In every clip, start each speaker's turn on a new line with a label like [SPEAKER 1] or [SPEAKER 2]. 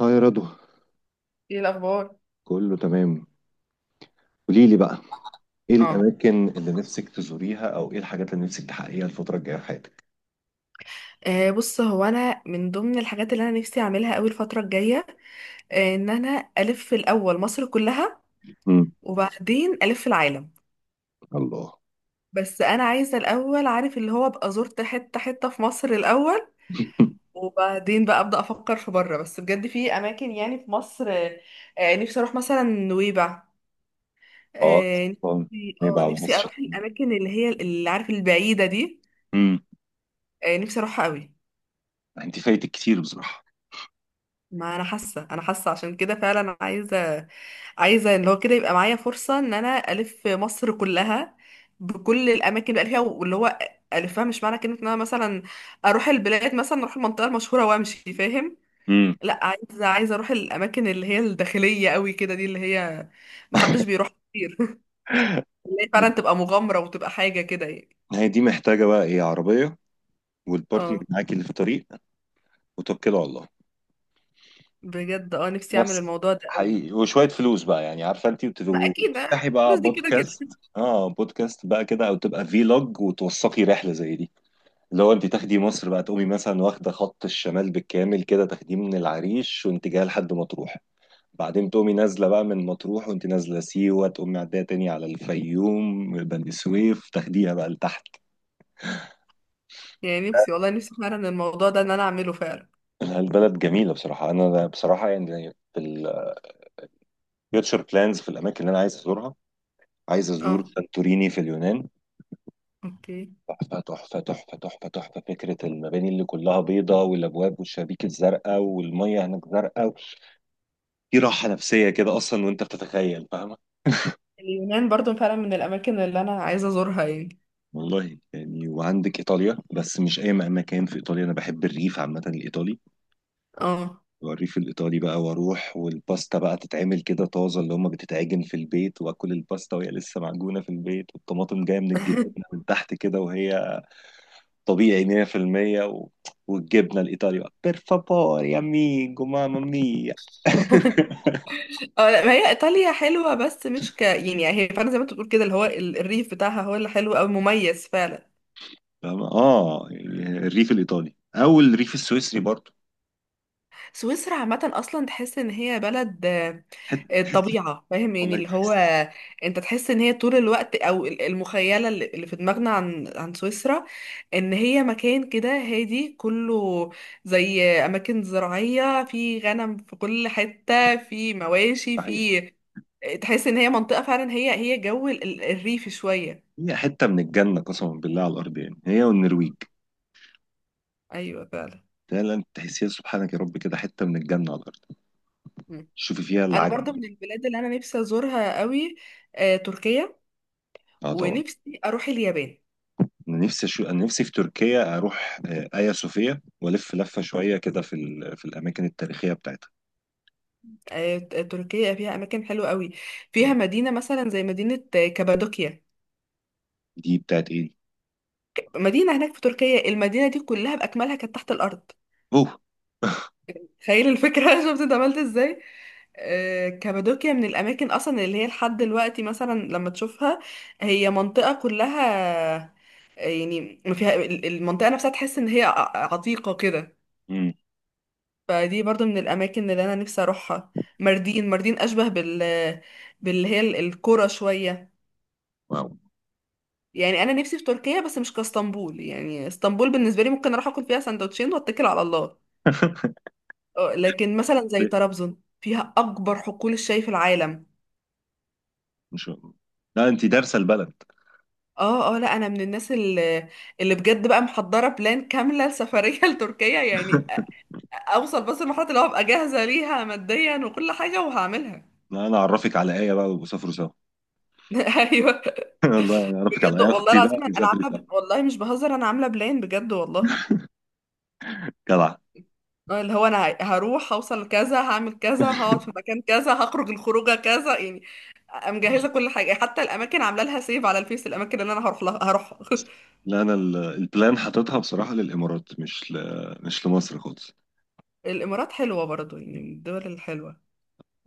[SPEAKER 1] اه يا رضوى.
[SPEAKER 2] ايه الاخبار؟
[SPEAKER 1] كله تمام. قولي لي بقى، ايه
[SPEAKER 2] اه،
[SPEAKER 1] الاماكن اللي نفسك تزوريها او ايه الحاجات اللي نفسك تحققيها الفتره الجايه في حياتك؟
[SPEAKER 2] بص، هو انا من ضمن الحاجات اللي انا نفسي اعملها قوي الفتره الجايه، ان انا الف الاول مصر كلها،
[SPEAKER 1] امم.
[SPEAKER 2] وبعدين الف العالم.
[SPEAKER 1] الله.
[SPEAKER 2] بس انا عايزه الاول، عارف، اللي هو ابقى زرت حته حته في مصر الاول، وبعدين بقى ابدا افكر في بره. بس بجد في اماكن يعني في مصر، نفسي اروح مثلا نويبع.
[SPEAKER 1] اه
[SPEAKER 2] آه،
[SPEAKER 1] طبعاً.
[SPEAKER 2] نفسي
[SPEAKER 1] ما
[SPEAKER 2] اه نفسي
[SPEAKER 1] يبعوش.
[SPEAKER 2] اروح الاماكن اللي هي، اللي عارف، البعيده دي.
[SPEAKER 1] امم.
[SPEAKER 2] نفسي اروحها قوي.
[SPEAKER 1] انت فايتك كتير بصراحه.
[SPEAKER 2] ما انا حاسه عشان كده فعلا عايزه ان هو كده يبقى معايا فرصه ان انا الف مصر كلها، بكل الاماكن اللي بقى فيها واللي هو الفها. مش معنى كلمه ان انا مثلا اروح البلاد، مثلا اروح المنطقه المشهوره وامشي، فاهم؟
[SPEAKER 1] امم.
[SPEAKER 2] لا، عايزه، اروح الاماكن اللي هي الداخليه قوي كده، دي اللي هي محدش بيروح كتير اللي هي فعلا تبقى مغامره وتبقى حاجه كده يعني.
[SPEAKER 1] هي دي محتاجه بقى ايه؟ عربيه، والبارتنر
[SPEAKER 2] اه،
[SPEAKER 1] معاكي اللي في الطريق، وتوكلوا على الله.
[SPEAKER 2] بجد اه نفسي اعمل
[SPEAKER 1] بس
[SPEAKER 2] الموضوع ده قوي.
[SPEAKER 1] حقيقي وشوية فلوس بقى يعني، عارفة انت
[SPEAKER 2] ما اكيد،
[SPEAKER 1] وتفتحي بقى
[SPEAKER 2] الفلوس دي كده
[SPEAKER 1] بودكاست.
[SPEAKER 2] كده.
[SPEAKER 1] اه بودكاست بقى كده او تبقى فيلوج وتوثقي رحله زي دي. لو انت تاخدي مصر بقى تقومي مثلا واخده خط الشمال بالكامل كده، تاخديه من العريش وانت جايه لحد مطروح. بعدين تقومي نازله بقى من مطروح وانت نازله سيوه، تقومي معديه تاني على الفيوم بني سويف تاخديها بقى لتحت.
[SPEAKER 2] يعني نفسي والله، نفسي فعلا الموضوع ده ان انا اعمله فعلا.
[SPEAKER 1] لا، البلد جميله بصراحه. انا بصراحه يعني في الفيوتشر بلانز، في الاماكن اللي انا عايز ازورها. عايز ازور
[SPEAKER 2] اه،
[SPEAKER 1] سانتوريني في اليونان.
[SPEAKER 2] اوكي.
[SPEAKER 1] تحفة تحفة تحفة تحفة تحفة، فكرة المباني اللي كلها بيضة والأبواب والشبابيك الزرقاء، والمية هناك زرقاء. في راحة نفسية كده أصلا وأنت بتتخيل، فاهمة؟
[SPEAKER 2] اليونان برضو فعلا من الاماكن اللي انا عايزه ازورها يعني.
[SPEAKER 1] والله يعني، وعندك ايطاليا. بس مش اي مكان في ايطاليا، انا بحب الريف عامه الايطالي.
[SPEAKER 2] اه
[SPEAKER 1] والريف الايطالي بقى، واروح والباستا بقى تتعمل كده طازه اللي هم بتتعجن في البيت، واكل الباستا وهي لسه معجونه في البيت، والطماطم جايه من الجنينه من تحت كده وهي طبيعي 100% و... والجبنه الايطالي بقى، بير فابور يا ميجو ماما ميا.
[SPEAKER 2] اه لا، ما هي ايطاليا حلوه، بس مش يعني، هي فعلا زي ما انت بتقول كده، اللي هو الريف بتاعها هو اللي حلو قوي، مميز فعلا.
[SPEAKER 1] فاهم؟ اه الريف الايطالي او الريف السويسري برضه.
[SPEAKER 2] سويسرا عامة أصلا تحس إن هي بلد،
[SPEAKER 1] حته.
[SPEAKER 2] الطبيعة، فاهم يعني،
[SPEAKER 1] والله
[SPEAKER 2] اللي هو
[SPEAKER 1] تحس.
[SPEAKER 2] أنت تحس إن هي طول الوقت، أو المخيلة اللي في دماغنا عن سويسرا، إن هي مكان كده هادي كله، زي أماكن زراعية، في غنم في كل حتة، في مواشي،
[SPEAKER 1] صحيح.
[SPEAKER 2] في، تحس إن هي منطقة فعلا، هي جو الريف شوية.
[SPEAKER 1] هي حته من الجنه قسما بالله على الارض يعني، هي والنرويج.
[SPEAKER 2] أيوة فعلا.
[SPEAKER 1] فعلا تحسيها سبحانك يا رب كده، حته من الجنه على الارض.
[SPEAKER 2] مم.
[SPEAKER 1] شوفي فيها
[SPEAKER 2] أنا برضو
[SPEAKER 1] العجب.
[SPEAKER 2] من البلاد اللي أنا نفسي أزورها قوي، تركيا،
[SPEAKER 1] اه طبعا.
[SPEAKER 2] ونفسي أروح اليابان.
[SPEAKER 1] انا نفسي في تركيا اروح ايا صوفيا والف لفه شويه كده في الاماكن التاريخيه بتاعتها.
[SPEAKER 2] تركيا فيها اماكن حلوه قوي، فيها مدينه مثلا زي مدينه كابادوكيا.
[SPEAKER 1] دي بتاعت ايه دي؟
[SPEAKER 2] مدينه هناك في تركيا، المدينه دي كلها باكملها كانت تحت الارض.
[SPEAKER 1] اوه.
[SPEAKER 2] تخيل الفكره، شفت انت عملت ازاي. كابادوكيا من الاماكن اصلا اللي هي لحد دلوقتي مثلا لما تشوفها، هي منطقه كلها، يعني ما فيها المنطقه نفسها تحس ان هي عتيقه كده.
[SPEAKER 1] امم.
[SPEAKER 2] فدي برضو من الاماكن اللي انا نفسي اروحها. ماردين، ماردين اشبه بال، باللي هي القرى شويه.
[SPEAKER 1] واو.
[SPEAKER 2] يعني انا نفسي في تركيا، بس مش كاسطنبول، يعني اسطنبول بالنسبه لي ممكن اروح اكل فيها سندوتشين واتكل على الله. اه، لكن مثلا زي
[SPEAKER 1] إيه؟
[SPEAKER 2] طرابزون فيها اكبر حقول الشاي في العالم.
[SPEAKER 1] مش. لا انت دارسه البلد.
[SPEAKER 2] اه اه لا، انا من الناس اللي، اللي بجد بقى محضره بلان كامله لسفريه لتركيا يعني. اوصل بس لمرحله اللي هو ابقى جاهزه ليها ماديا وكل حاجه، وهعملها.
[SPEAKER 1] لا انا اعرفك على ايه بقى، وسافروا سوا.
[SPEAKER 2] ايوه.
[SPEAKER 1] والله انا اعرفك على
[SPEAKER 2] بجد
[SPEAKER 1] ايه
[SPEAKER 2] والله
[SPEAKER 1] اختي بقى
[SPEAKER 2] العظيم انا
[SPEAKER 1] نسافر سوا.
[SPEAKER 2] عامله، والله مش بهزر، انا عامله بلان بجد والله.
[SPEAKER 1] جدع.
[SPEAKER 2] اللي هو انا هروح، هوصل كذا، هعمل كذا، هقعد في مكان كذا، هخرج الخروجه كذا يعني. مجهزه كل حاجه، حتى الاماكن عامله لها سيف على الفيس، الاماكن اللي انا هروح لها هروح.
[SPEAKER 1] لا انا البلان حاططها بصراحه للامارات، مش لمصر خالص.
[SPEAKER 2] الامارات حلوه برضو، يعني من الدول الحلوه.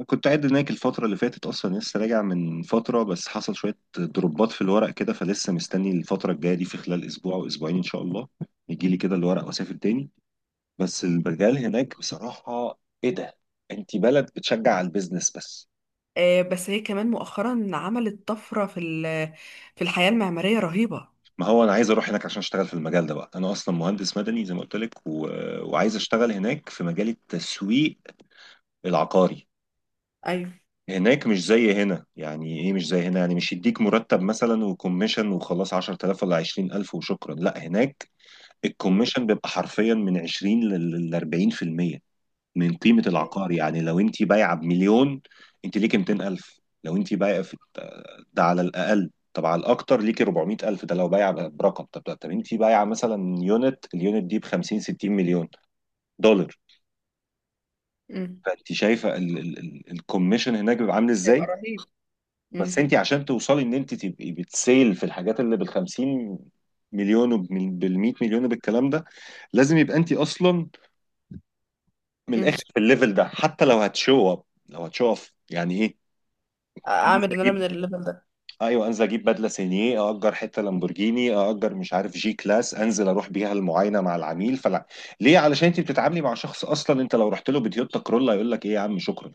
[SPEAKER 1] كنت قاعد هناك الفترة اللي فاتت أصلا، لسه راجع من فترة بس حصل شوية دروبات في الورق كده، فلسه مستني الفترة الجاية دي في خلال أسبوع أو أسبوعين إن شاء الله يجي لي كده الورق وأسافر تاني. بس البرجال هناك بصراحة، إيه ده؟ أنت بلد بتشجع على البيزنس بس.
[SPEAKER 2] بس هي كمان مؤخرا عملت طفره في في الحياه المعماريه رهيبه.
[SPEAKER 1] ما هو أنا عايز أروح هناك عشان أشتغل في المجال ده بقى، أنا أصلا مهندس مدني زي ما قلت لك و... وعايز أشتغل هناك في مجال التسويق العقاري.
[SPEAKER 2] ايوه.
[SPEAKER 1] هناك مش زي هنا يعني ايه، مش زي هنا يعني، مش يديك مرتب مثلا وكوميشن وخلاص 10000 ولا 20000 وشكرا. لا هناك
[SPEAKER 2] مم.
[SPEAKER 1] الكوميشن بيبقى حرفيا من 20 ل 40% من قيمة
[SPEAKER 2] أيوة.
[SPEAKER 1] العقار. يعني لو انت بايعة بمليون، انت ليكي 200000 لو انت بايعة في ده على الاقل. طب على الاكتر ليكي 400000 ده لو بايعة برقم. طب طب انت بايعة مثلا يونت، اليونت دي ب 50 60 مليون دولار.
[SPEAKER 2] امم.
[SPEAKER 1] فانت شايفة الكوميشن هناك بيبقى عامل
[SPEAKER 2] هيبقى
[SPEAKER 1] ازاي.
[SPEAKER 2] رهيب.
[SPEAKER 1] بس
[SPEAKER 2] امم.
[SPEAKER 1] انت عشان توصلي ان انت تبقي بتسيل في الحاجات اللي بال 50 مليون وبال 100 مليون وبالكلام ده، لازم يبقى انت اصلا من
[SPEAKER 2] امم،
[SPEAKER 1] الاخر في الليفل ده. حتى لو هتشو اب، لو هتشو اب يعني ايه؟ انزل
[SPEAKER 2] اعمل ان انا
[SPEAKER 1] اجيب.
[SPEAKER 2] من الليفل
[SPEAKER 1] ايوه انزل اجيب بدله سينيه، اجر حته لامبورجيني، اجر مش عارف جي كلاس، انزل اروح بيها المعاينه مع العميل، فلا. ليه؟ علشان انت بتتعاملي مع شخص، اصلا انت لو رحت له بتويوتا كرولا يقول لك ايه يا عم شكرا.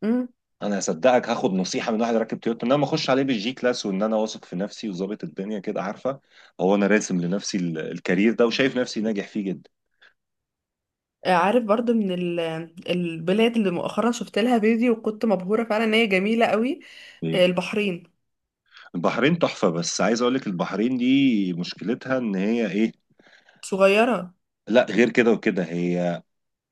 [SPEAKER 2] ده.
[SPEAKER 1] انا هصدقك هاخد نصيحه من واحد راكب تويوتا، ان انا ما اخش عليه بالجي كلاس وان انا واثق في نفسي وظابط الدنيا كده، عارفه؟ هو انا راسم لنفسي الكارير ده وشايف نفسي ناجح فيه جدا.
[SPEAKER 2] عارف برضو من البلاد اللي مؤخرا شفت لها فيديو وكنت مبهورة فعلا ان هي جميلة قوي.
[SPEAKER 1] إيه؟
[SPEAKER 2] البحرين.
[SPEAKER 1] البحرين. تحفه. بس عايز اقول لك البحرين دي مشكلتها ان هي ايه؟
[SPEAKER 2] صغيرة.
[SPEAKER 1] لا غير كده وكده هي،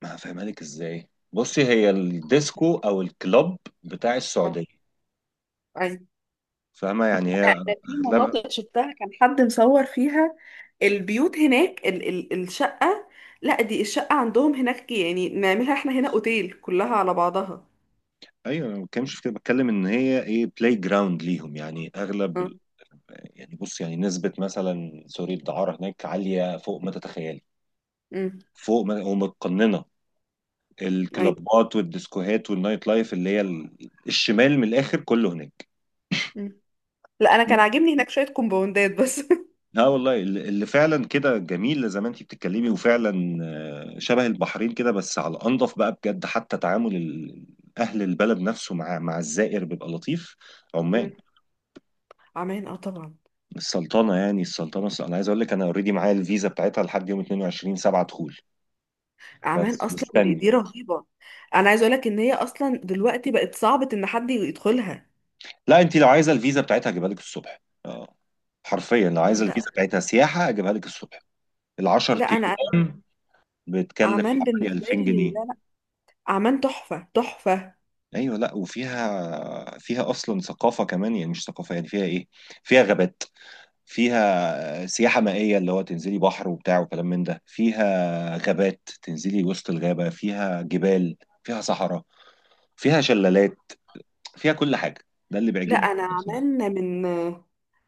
[SPEAKER 1] ما هفهمها لك ازاي. بصي، هي الديسكو او الكلوب بتاع
[SPEAKER 2] آه،
[SPEAKER 1] السعوديه.
[SPEAKER 2] أيوة.
[SPEAKER 1] فاهمه؟ يعني هي
[SPEAKER 2] انا في
[SPEAKER 1] اغلب،
[SPEAKER 2] مناطق شفتها كان حد مصور فيها، البيوت هناك، ال ال الشقة، لا دي الشقة عندهم هناك يعني نعملها احنا هنا اوتيل، كلها على بعضها.
[SPEAKER 1] ايوه أنا ما بتكلمش في كده، بتكلم ان هي ايه، بلاي جراوند ليهم. يعني
[SPEAKER 2] اه.
[SPEAKER 1] اغلب، يعني بص يعني، نسبة مثلا سوري الدعارة هناك عالية فوق ما تتخيلي،
[SPEAKER 2] امم.
[SPEAKER 1] فوق ما، ومتقننة.
[SPEAKER 2] ايوه.
[SPEAKER 1] الكلابات والديسكوهات والنايت لايف اللي هي الشمال من الآخر كله هناك.
[SPEAKER 2] مم. لا، انا كان عاجبني هناك شوية كومباوندات بس.
[SPEAKER 1] لا والله، اللي فعلا كده جميل زي ما انتي بتتكلمي، وفعلا شبه البحرين كده بس على الأنظف بقى بجد. حتى تعامل أهل البلد نفسه مع الزائر بيبقى لطيف. عمان،
[SPEAKER 2] مم. عمان، اه طبعا.
[SPEAKER 1] السلطنة يعني السلطنة، أنا عايز أقول لك أنا أوريدي معايا الفيزا بتاعتها لحد يوم 22 7 دخول،
[SPEAKER 2] اعمال
[SPEAKER 1] بس
[SPEAKER 2] اصلا دي,
[SPEAKER 1] مستني.
[SPEAKER 2] دي رهيبه. انا عايز اقولك ان هي اصلا دلوقتي بقت صعبه ان حد يدخلها.
[SPEAKER 1] لا انت لو عايزه الفيزا بتاعتها اجيبها لك الصبح. اه حرفيا لو عايزه
[SPEAKER 2] لا.
[SPEAKER 1] الفيزا بتاعتها سياحه اجيبها لك الصبح. ال 10
[SPEAKER 2] لا انا
[SPEAKER 1] ايام بتكلف
[SPEAKER 2] اعمال
[SPEAKER 1] حوالي
[SPEAKER 2] بالنسبه
[SPEAKER 1] 2000
[SPEAKER 2] لي،
[SPEAKER 1] جنيه
[SPEAKER 2] لا لا، اعمال تحفه تحفه.
[SPEAKER 1] ايوه، لا وفيها، فيها اصلا ثقافه كمان يعني، مش ثقافه يعني فيها ايه، فيها غابات، فيها سياحه مائيه اللي هو تنزلي بحر وبتاع وكلام من ده، فيها غابات تنزلي وسط الغابه، فيها جبال، فيها صحراء، فيها شلالات، فيها كل حاجه. ده اللي
[SPEAKER 2] لا
[SPEAKER 1] بيعجبني.
[SPEAKER 2] انا اعمال من،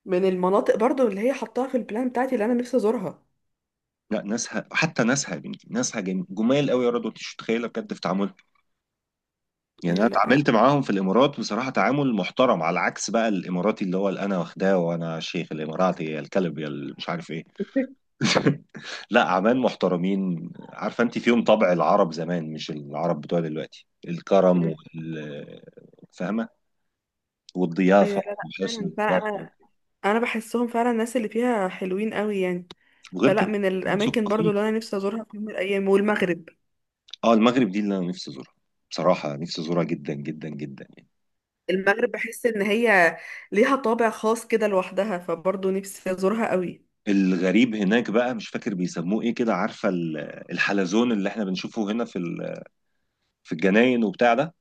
[SPEAKER 2] المناطق برضو اللي هي حطاها في البلان بتاعتي اللي انا نفسي ازورها.
[SPEAKER 1] لا ناسها حتى ناسها يا بنتي، ناسها جمال قوي يا رضوى، انت مش متخيله بجد في تعاملهم. يعني انا
[SPEAKER 2] ايوه لا
[SPEAKER 1] اتعاملت معاهم في الامارات بصراحه تعامل محترم، على عكس بقى الاماراتي اللي هو اللي انا واخداه، وانا شيخ الاماراتي يا الكلب يا مش عارف ايه. لا عمان محترمين، عارفه انت فيهم طبع العرب زمان مش العرب بتوع دلوقتي، الكرم وال فاهمه،
[SPEAKER 2] ايوه
[SPEAKER 1] والضيافه
[SPEAKER 2] لا لا
[SPEAKER 1] وحسن
[SPEAKER 2] فعلا فعلا،
[SPEAKER 1] الضيافه.
[SPEAKER 2] انا، انا بحسهم فعلا الناس اللي فيها حلوين قوي يعني.
[SPEAKER 1] وغير
[SPEAKER 2] فلا
[SPEAKER 1] كده
[SPEAKER 2] من الاماكن برضو
[SPEAKER 1] مثقفين.
[SPEAKER 2] اللي انا نفسي ازورها في يوم من الايام، والمغرب.
[SPEAKER 1] اه المغرب دي اللي انا نفسي ازورها. بصراحه نفسي ازورها جدا جدا جدا يعني.
[SPEAKER 2] المغرب بحس ان هي ليها طابع خاص كده لوحدها، فبرضه نفسي ازورها قوي.
[SPEAKER 1] الغريب هناك بقى مش فاكر بيسموه ايه كده، عارفه الحلزون اللي احنا بنشوفه هنا في الجناين وبتاع ده،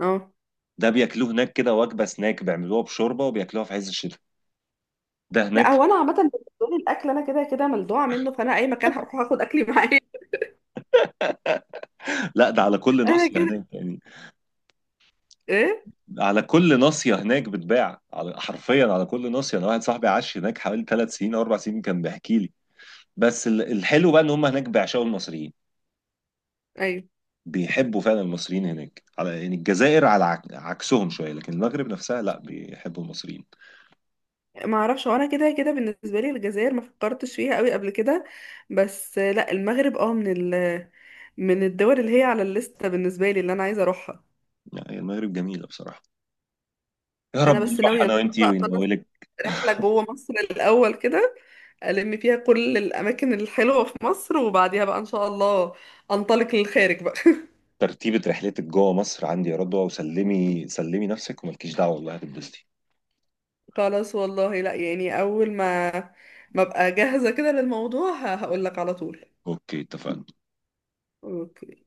[SPEAKER 2] اه،
[SPEAKER 1] ده بياكلوه هناك كده وجبه سناك، بيعملوها بشوربه وبياكلوها في عز الشتاء ده
[SPEAKER 2] لا
[SPEAKER 1] هناك.
[SPEAKER 2] هو انا عامه بالنسبه لي الاكل انا كده كده ملدوعه منه، فانا اي مكان هروح اخد اكلي معايا.
[SPEAKER 1] لا ده على كل
[SPEAKER 2] انا
[SPEAKER 1] ناصيه
[SPEAKER 2] كده،
[SPEAKER 1] هناك يعني.
[SPEAKER 2] ايه،
[SPEAKER 1] على كل ناصيه هناك بتباع، على حرفيا على كل ناصيه. انا واحد صاحبي عاش هناك حوالي 3 سنين او 4 سنين كان بيحكي لي. بس الحلو بقى ان هم هناك بيعشقوا المصريين.
[SPEAKER 2] ايوه.
[SPEAKER 1] بيحبوا فعلا المصريين هناك. على يعني الجزائر على عكسهم شويه، لكن المغرب نفسها لا بيحبوا المصريين.
[SPEAKER 2] ما اعرفش، وانا كده كده بالنسبه لي الجزائر ما فكرتش فيها قوي قبل كده. بس لا المغرب اه من ال، من الدول اللي هي على الليسته بالنسبه لي اللي انا عايزه اروحها.
[SPEAKER 1] لا هي المغرب جميلة بصراحة. يا رب
[SPEAKER 2] انا بس
[SPEAKER 1] نروح
[SPEAKER 2] ناويه
[SPEAKER 1] أنا
[SPEAKER 2] ان شاء
[SPEAKER 1] وأنتي
[SPEAKER 2] الله اخلص
[SPEAKER 1] ونولك.
[SPEAKER 2] رحلة جوه مصر الأول كده، ألم فيها كل الأماكن الحلوة في مصر، وبعديها بقى إن شاء الله أنطلق للخارج بقى.
[SPEAKER 1] ترتيبة رحلتك جوه مصر عندي يا رضوى، وسلمي سلمي نفسك وملكيش دعوة والله هتتبسطي.
[SPEAKER 2] خلاص، والله لا يعني، أول ما أبقى جاهزة كده للموضوع هقول لك على طول.
[SPEAKER 1] أوكي اتفقنا.
[SPEAKER 2] أوكي.